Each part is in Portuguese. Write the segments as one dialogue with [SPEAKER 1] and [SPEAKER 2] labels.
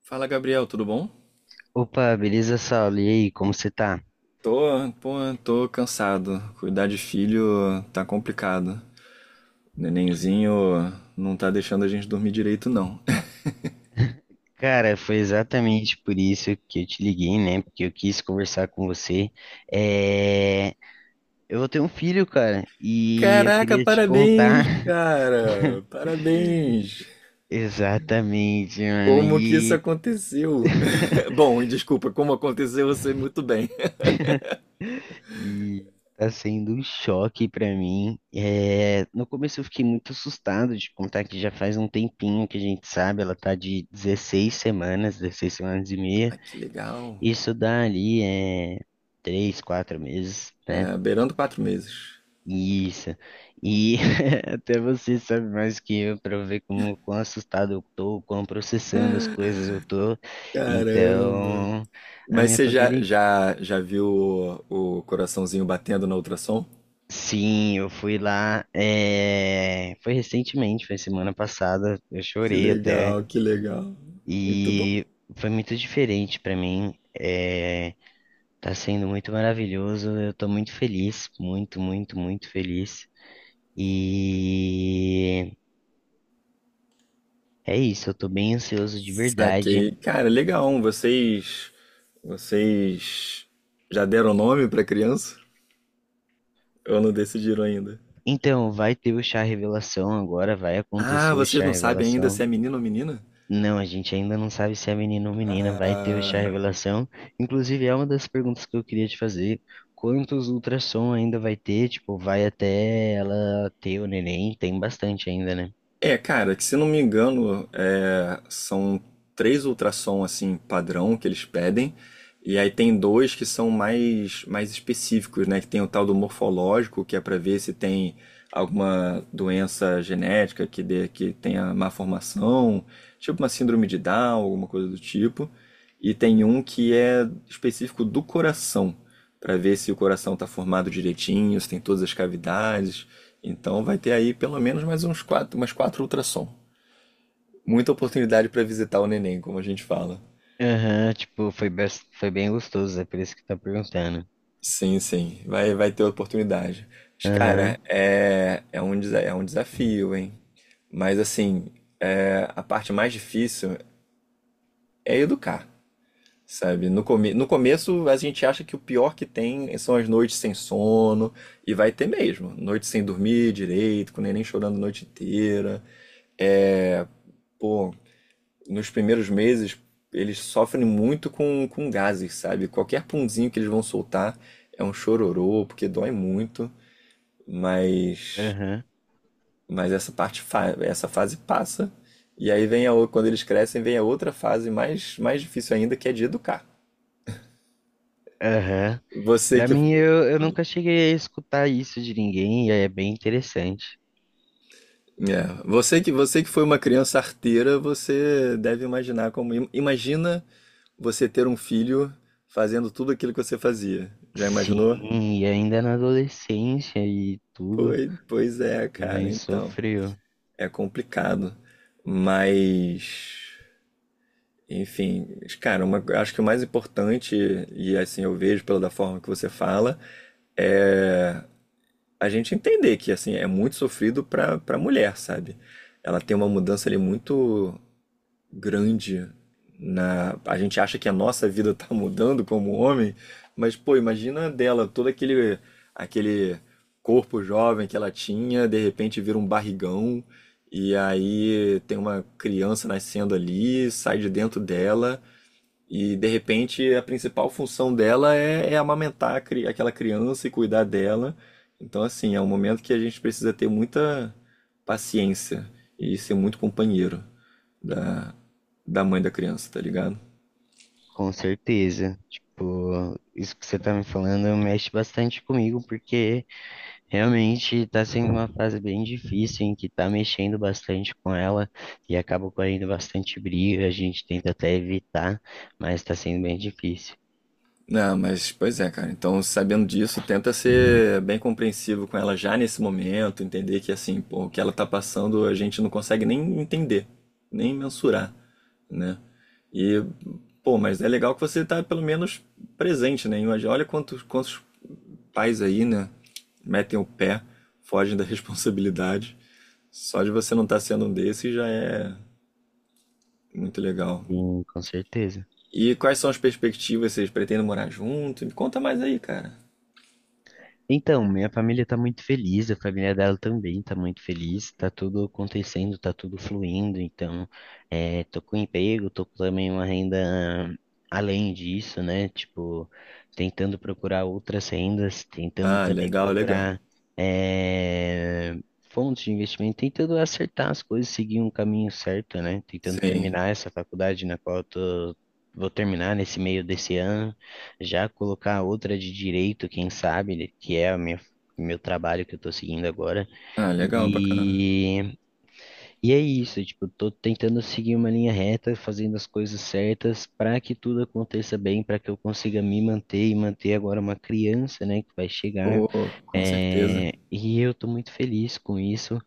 [SPEAKER 1] Fala, Gabriel, tudo bom?
[SPEAKER 2] Opa, beleza, Saulo? E aí, como você tá?
[SPEAKER 1] Tô, pô, tô cansado. Cuidar de filho tá complicado. Nenenzinho não tá deixando a gente dormir direito, não.
[SPEAKER 2] Cara, foi exatamente por isso que eu te liguei, né? Porque eu quis conversar com você. É... Eu vou ter um filho, cara, e eu
[SPEAKER 1] Caraca,
[SPEAKER 2] queria te contar
[SPEAKER 1] parabéns, cara! Parabéns!
[SPEAKER 2] exatamente, mano.
[SPEAKER 1] Como que isso
[SPEAKER 2] E
[SPEAKER 1] aconteceu? Bom, desculpa, como aconteceu, eu sei muito bem.
[SPEAKER 2] E tá sendo um choque pra mim. É, no começo eu fiquei muito assustado de contar que já faz um tempinho que a gente sabe, ela tá de 16 semanas, 16 semanas e meia.
[SPEAKER 1] Ah, que legal.
[SPEAKER 2] Isso dá ali é 3, 4 meses, né?
[SPEAKER 1] É, beirando 4 meses.
[SPEAKER 2] Isso. E até você sabe mais que eu para ver como quão assustado eu tô, quão processando as coisas eu tô.
[SPEAKER 1] Caramba.
[SPEAKER 2] Então, a
[SPEAKER 1] Mas
[SPEAKER 2] minha
[SPEAKER 1] você já,
[SPEAKER 2] família,
[SPEAKER 1] já, já viu o coraçãozinho batendo na ultrassom?
[SPEAKER 2] sim, eu fui lá, foi recentemente, foi semana passada, eu
[SPEAKER 1] Que
[SPEAKER 2] chorei até
[SPEAKER 1] legal, que legal. Muito bom.
[SPEAKER 2] e foi muito diferente para mim. É, tá sendo muito maravilhoso, eu tô muito feliz, muito, muito, muito feliz. E é isso, eu tô bem ansioso de verdade.
[SPEAKER 1] Saquei. Cara, legal. Vocês já deram nome pra criança? Ou não decidiram ainda?
[SPEAKER 2] Então, vai ter o chá revelação agora, vai
[SPEAKER 1] Ah,
[SPEAKER 2] acontecer o
[SPEAKER 1] vocês
[SPEAKER 2] chá
[SPEAKER 1] não sabem ainda se
[SPEAKER 2] revelação.
[SPEAKER 1] é menino ou menina?
[SPEAKER 2] Não, a gente ainda não sabe se é menino ou menina, vai ter o chá revelação. Inclusive, é uma das perguntas que eu queria te fazer. Quantos ultrassom ainda vai ter? Tipo, vai até ela ter o neném? Tem bastante ainda, né?
[SPEAKER 1] É, cara, que se não me engano, são 3 ultrassom assim padrão que eles pedem, e aí tem dois que são mais específicos, né? Que tem o tal do morfológico, que é para ver se tem alguma doença genética que dê que tenha má formação, tipo uma síndrome de Down, alguma coisa do tipo. E tem um que é específico do coração, para ver se o coração está formado direitinho, se tem todas as cavidades. Então vai ter aí pelo menos mais uns quatro, umas 4 ultrassom. Muita oportunidade para visitar o neném, como a gente fala.
[SPEAKER 2] Aham, tipo, foi, foi bem gostoso, é por isso que tá perguntando.
[SPEAKER 1] Sim, sim, vai ter oportunidade. Mas,
[SPEAKER 2] Aham,
[SPEAKER 1] cara, é um desafio, hein? Mas assim, a parte mais difícil é educar, sabe? No começo a gente acha que o pior que tem são as noites sem sono, e vai ter mesmo. Noites sem dormir direito, com o neném chorando a noite inteira. É, pô, nos primeiros meses, eles sofrem muito com gases, sabe? Qualquer punzinho que eles vão soltar é um chororô, porque dói muito, mas,
[SPEAKER 2] aham,
[SPEAKER 1] essa fase passa. E aí vem quando eles crescem, vem a outra fase mais difícil ainda, que é de educar.
[SPEAKER 2] aham.
[SPEAKER 1] Você
[SPEAKER 2] Pra
[SPEAKER 1] que, é,
[SPEAKER 2] mim, eu nunca cheguei a escutar isso de ninguém, e é bem interessante.
[SPEAKER 1] Você que foi uma criança arteira, você deve imaginar imagina você ter um filho fazendo tudo aquilo que você fazia. Já imaginou?
[SPEAKER 2] Sim, e ainda na adolescência e tudo,
[SPEAKER 1] Pois é,
[SPEAKER 2] minha
[SPEAKER 1] cara,
[SPEAKER 2] mãe
[SPEAKER 1] então.
[SPEAKER 2] sofreu,
[SPEAKER 1] É complicado. Mas, enfim, cara, acho que o mais importante, e assim eu vejo pela da forma que você fala, é a gente entender que assim é muito sofrido para mulher, sabe? Ela tem uma mudança ali muito grande na. A gente acha que a nossa vida está mudando como homem, mas, pô, imagina a dela, todo aquele corpo jovem que ela tinha, de repente vira um barrigão, e aí tem uma criança nascendo ali, sai de dentro dela, e de repente a principal função dela é amamentar aquela criança e cuidar dela. Então, assim, é um momento que a gente precisa ter muita paciência e ser muito companheiro da, da mãe da criança, tá ligado?
[SPEAKER 2] com certeza. Tipo, isso que você tá me falando mexe bastante comigo, porque realmente tá sendo uma fase bem difícil, em que tá mexendo bastante com ela, e acaba correndo bastante briga, a gente tenta até evitar, mas tá sendo bem difícil.
[SPEAKER 1] Não, mas pois é, cara. Então, sabendo disso, tenta ser bem compreensivo com ela já nesse momento, entender que assim, pô, o que ela tá passando a gente não consegue nem entender, nem mensurar, né? E, pô, mas é legal que você tá pelo menos presente, né? Imagina, olha quantos pais aí, né, metem o pé, fogem da responsabilidade. Só de você não estar tá sendo um desses já é muito legal.
[SPEAKER 2] Sim, com certeza.
[SPEAKER 1] E quais são as perspectivas? Vocês pretendem morar junto? Me conta mais aí, cara.
[SPEAKER 2] Então, minha família tá muito feliz, a família dela também tá muito feliz, tá tudo acontecendo, tá tudo fluindo, então, tô com emprego, tô com também uma renda além disso, né? Tipo, tentando procurar outras rendas, tentando
[SPEAKER 1] Ah,
[SPEAKER 2] também
[SPEAKER 1] legal, legal.
[SPEAKER 2] procurar, é, fontes de investimento, tentando acertar as coisas, seguir um caminho certo, né? Tentando
[SPEAKER 1] Sim.
[SPEAKER 2] terminar essa faculdade na qual eu tô, vou terminar nesse meio desse ano. Já colocar outra de direito, quem sabe, né, que é a minha, meu trabalho que eu tô seguindo agora.
[SPEAKER 1] Ah, legal, bacana.
[SPEAKER 2] E, e é isso, tipo, tô tentando seguir uma linha reta, fazendo as coisas certas para que tudo aconteça bem, para que eu consiga me manter e manter agora uma criança, né, que vai chegar.
[SPEAKER 1] Pô, com certeza.
[SPEAKER 2] É, e eu tô muito feliz com isso.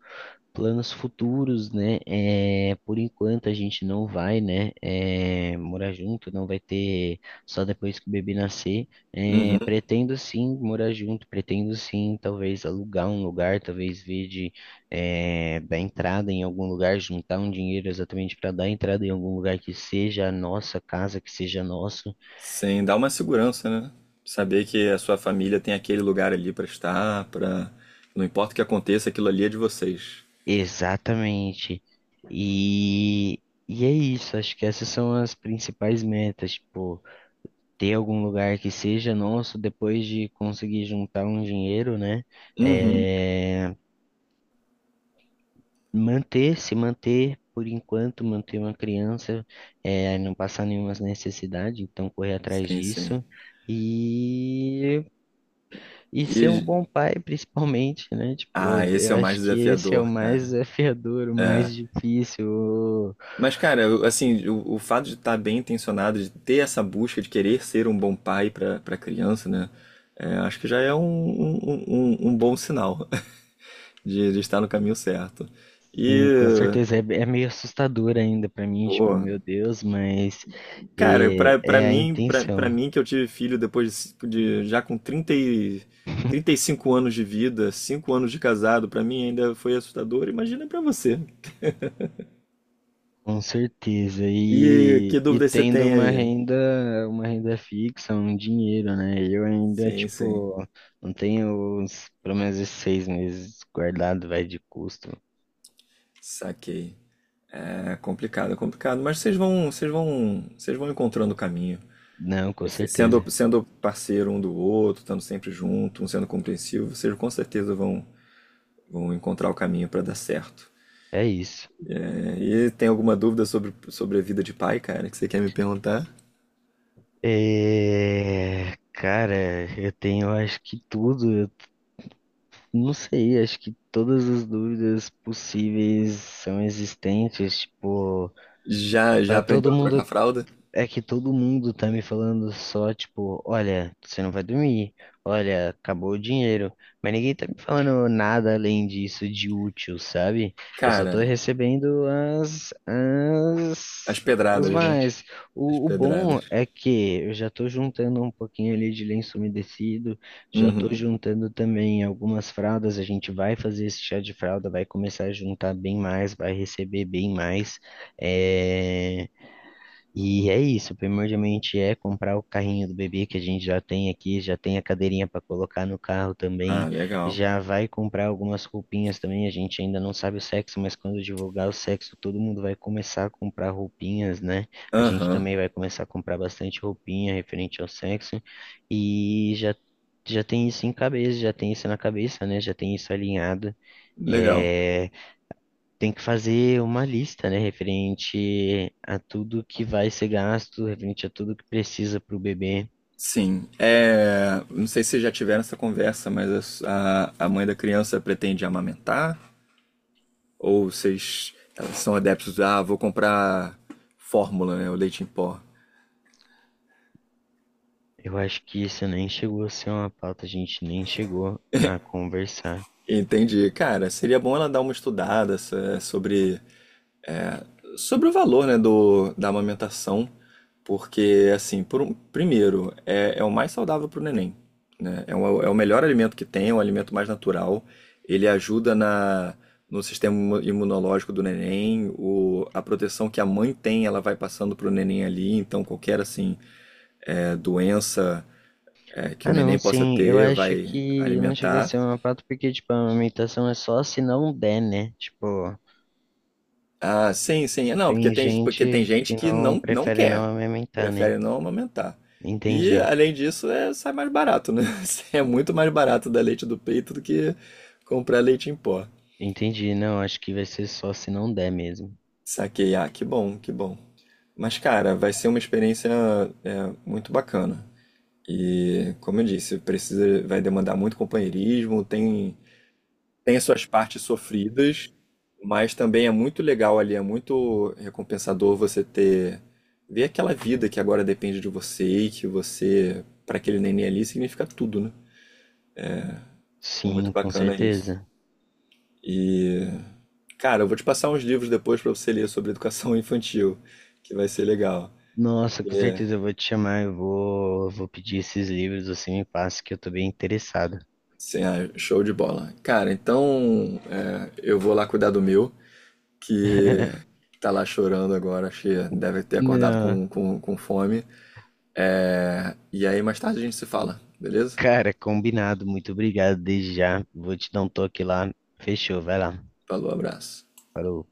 [SPEAKER 2] Planos futuros, né? É, por enquanto a gente não vai, né, morar junto, não vai ter só depois que o bebê nascer. É,
[SPEAKER 1] Uhum.
[SPEAKER 2] pretendo sim morar junto, pretendo sim, talvez alugar um lugar, talvez ver de dar entrada em algum lugar, juntar um dinheiro exatamente para dar entrada em algum lugar que seja a nossa casa, que seja nosso.
[SPEAKER 1] Sim, dá uma segurança, né? Saber que a sua família tem aquele lugar ali pra estar, pra. Não importa o que aconteça, aquilo ali é de vocês.
[SPEAKER 2] Exatamente. E, e é isso, acho que essas são as principais metas, tipo, ter algum lugar que seja nosso, depois de conseguir juntar um dinheiro, né?
[SPEAKER 1] Uhum.
[SPEAKER 2] É, manter, se manter por enquanto, manter uma criança, não passar nenhuma necessidade, então correr atrás
[SPEAKER 1] Sim, sim.
[SPEAKER 2] disso. E, e ser um
[SPEAKER 1] E.
[SPEAKER 2] bom pai, principalmente, né? Tipo,
[SPEAKER 1] Ah,
[SPEAKER 2] eu,
[SPEAKER 1] esse
[SPEAKER 2] eu
[SPEAKER 1] é o mais
[SPEAKER 2] acho que esse é o
[SPEAKER 1] desafiador,
[SPEAKER 2] mais
[SPEAKER 1] cara.
[SPEAKER 2] desafiador, o mais difícil.
[SPEAKER 1] Mas, cara, assim, o fato de estar bem intencionado, de ter essa busca, de querer ser um bom pai para criança, né? Acho que já é um bom sinal de estar no caminho certo. E,
[SPEAKER 2] Sim, com certeza, é meio assustador ainda pra mim, tipo,
[SPEAKER 1] pô,
[SPEAKER 2] meu Deus, mas
[SPEAKER 1] cara,
[SPEAKER 2] é, é a
[SPEAKER 1] pra
[SPEAKER 2] intenção.
[SPEAKER 1] mim que eu tive filho já com 35 anos de vida, 5 anos de casado, pra mim ainda foi assustador, imagina pra você.
[SPEAKER 2] Com certeza.
[SPEAKER 1] E que
[SPEAKER 2] E
[SPEAKER 1] dúvidas você
[SPEAKER 2] tendo
[SPEAKER 1] tem
[SPEAKER 2] uma
[SPEAKER 1] aí?
[SPEAKER 2] renda, uma renda fixa, um dinheiro, né? Eu ainda,
[SPEAKER 1] Sim, sim,
[SPEAKER 2] tipo, não tenho os, pelo menos esses 6 meses guardado, vai de custo.
[SPEAKER 1] saquei. É complicado, mas vocês vão encontrando o caminho.
[SPEAKER 2] Não, com certeza.
[SPEAKER 1] Sendo parceiro um do outro, estando sempre junto, um sendo compreensivo, vocês com certeza vão encontrar o caminho para dar certo.
[SPEAKER 2] É isso.
[SPEAKER 1] É, e tem alguma dúvida sobre a vida de pai, cara, que você quer me perguntar?
[SPEAKER 2] É, cara, eu tenho, acho que tudo, eu não sei, acho que todas as dúvidas possíveis são existentes, tipo,
[SPEAKER 1] Já
[SPEAKER 2] tá todo
[SPEAKER 1] aprendeu a trocar
[SPEAKER 2] mundo
[SPEAKER 1] fralda?
[SPEAKER 2] É que todo mundo tá me falando só, tipo, olha, você não vai dormir, olha, acabou o dinheiro. Mas ninguém tá me falando nada além disso de útil, sabe? Eu só
[SPEAKER 1] Cara,
[SPEAKER 2] tô recebendo as,
[SPEAKER 1] as
[SPEAKER 2] os
[SPEAKER 1] pedradas, né?
[SPEAKER 2] mais.
[SPEAKER 1] As
[SPEAKER 2] O bom
[SPEAKER 1] pedradas.
[SPEAKER 2] é que eu já tô juntando um pouquinho ali de lenço umedecido, já tô
[SPEAKER 1] Uhum.
[SPEAKER 2] juntando também algumas fraldas. A gente vai fazer esse chá de fralda, vai começar a juntar bem mais, vai receber bem mais. É... E é isso, primordialmente é comprar o carrinho do bebê que a gente já tem aqui, já tem a cadeirinha para colocar no carro
[SPEAKER 1] Ah,
[SPEAKER 2] também,
[SPEAKER 1] legal.
[SPEAKER 2] já vai comprar algumas roupinhas também, a gente ainda não sabe o sexo, mas quando divulgar o sexo, todo mundo vai começar a comprar roupinhas, né? A gente
[SPEAKER 1] Aham,
[SPEAKER 2] também vai começar a comprar bastante roupinha referente ao sexo e já tem isso em cabeça, já tem isso na cabeça, né? Já tem isso alinhado.
[SPEAKER 1] legal.
[SPEAKER 2] É, tem que fazer uma lista, né, referente a tudo que vai ser gasto, referente a tudo que precisa para o bebê.
[SPEAKER 1] Sim, é, não sei se vocês já tiveram essa conversa, mas a mãe da criança pretende amamentar? Ou vocês elas são adeptos, ah, vou comprar fórmula, né, o leite em pó.
[SPEAKER 2] Eu acho que isso nem chegou a ser uma pauta, a gente nem chegou a conversar.
[SPEAKER 1] Entendi. Cara, seria bom ela dar uma estudada sobre É, sobre o valor, né, da amamentação, porque, assim, primeiro, é o mais saudável para o neném, né? É o melhor alimento que tem, é um alimento mais natural, ele ajuda no sistema imunológico do neném, a proteção que a mãe tem, ela vai passando para o neném ali, então qualquer, assim, é, doença que
[SPEAKER 2] Ah,
[SPEAKER 1] o neném
[SPEAKER 2] não,
[SPEAKER 1] possa
[SPEAKER 2] sim, eu
[SPEAKER 1] ter
[SPEAKER 2] acho
[SPEAKER 1] vai
[SPEAKER 2] que não chegou a
[SPEAKER 1] alimentar.
[SPEAKER 2] ser uma pauta porque, tipo, a amamentação é só se não der, né? Tipo,
[SPEAKER 1] Ah, sim, sim. Não,
[SPEAKER 2] tem
[SPEAKER 1] porque tem
[SPEAKER 2] gente
[SPEAKER 1] gente
[SPEAKER 2] que
[SPEAKER 1] que
[SPEAKER 2] não
[SPEAKER 1] não
[SPEAKER 2] prefere não
[SPEAKER 1] quer,
[SPEAKER 2] amamentar, né?
[SPEAKER 1] prefere não amamentar. E,
[SPEAKER 2] Entendi,
[SPEAKER 1] além disso, é, sai mais barato, né? É muito mais barato dar leite do peito do que comprar leite em pó.
[SPEAKER 2] entendi. Não, acho que vai ser só se não der mesmo.
[SPEAKER 1] Saquei. Ah, que bom, que bom. Mas, cara, vai ser uma experiência é, muito bacana. E, como eu disse, precisa, vai demandar muito companheirismo, tem as suas partes sofridas, mas também é muito legal ali, é muito recompensador você ter ver aquela vida que agora depende de você e que você para aquele neném ali significa tudo, né? É
[SPEAKER 2] Sim,
[SPEAKER 1] muito
[SPEAKER 2] com
[SPEAKER 1] bacana isso.
[SPEAKER 2] certeza.
[SPEAKER 1] E cara, eu vou te passar uns livros depois para você ler sobre educação infantil, que vai ser legal.
[SPEAKER 2] Nossa, com
[SPEAKER 1] É,
[SPEAKER 2] certeza eu vou te chamar, eu vou, pedir esses livros, você me passa que eu tô bem interessado.
[SPEAKER 1] sim, ah, show de bola. Cara, então é, eu vou lá cuidar do meu, que tá lá chorando agora, acho que deve ter acordado
[SPEAKER 2] Não,
[SPEAKER 1] com fome. E aí mais tarde a gente se fala, beleza?
[SPEAKER 2] cara, combinado, muito obrigado desde já. Vou te dar um toque lá. Fechou, vai lá.
[SPEAKER 1] Falou, abraço.
[SPEAKER 2] Falou.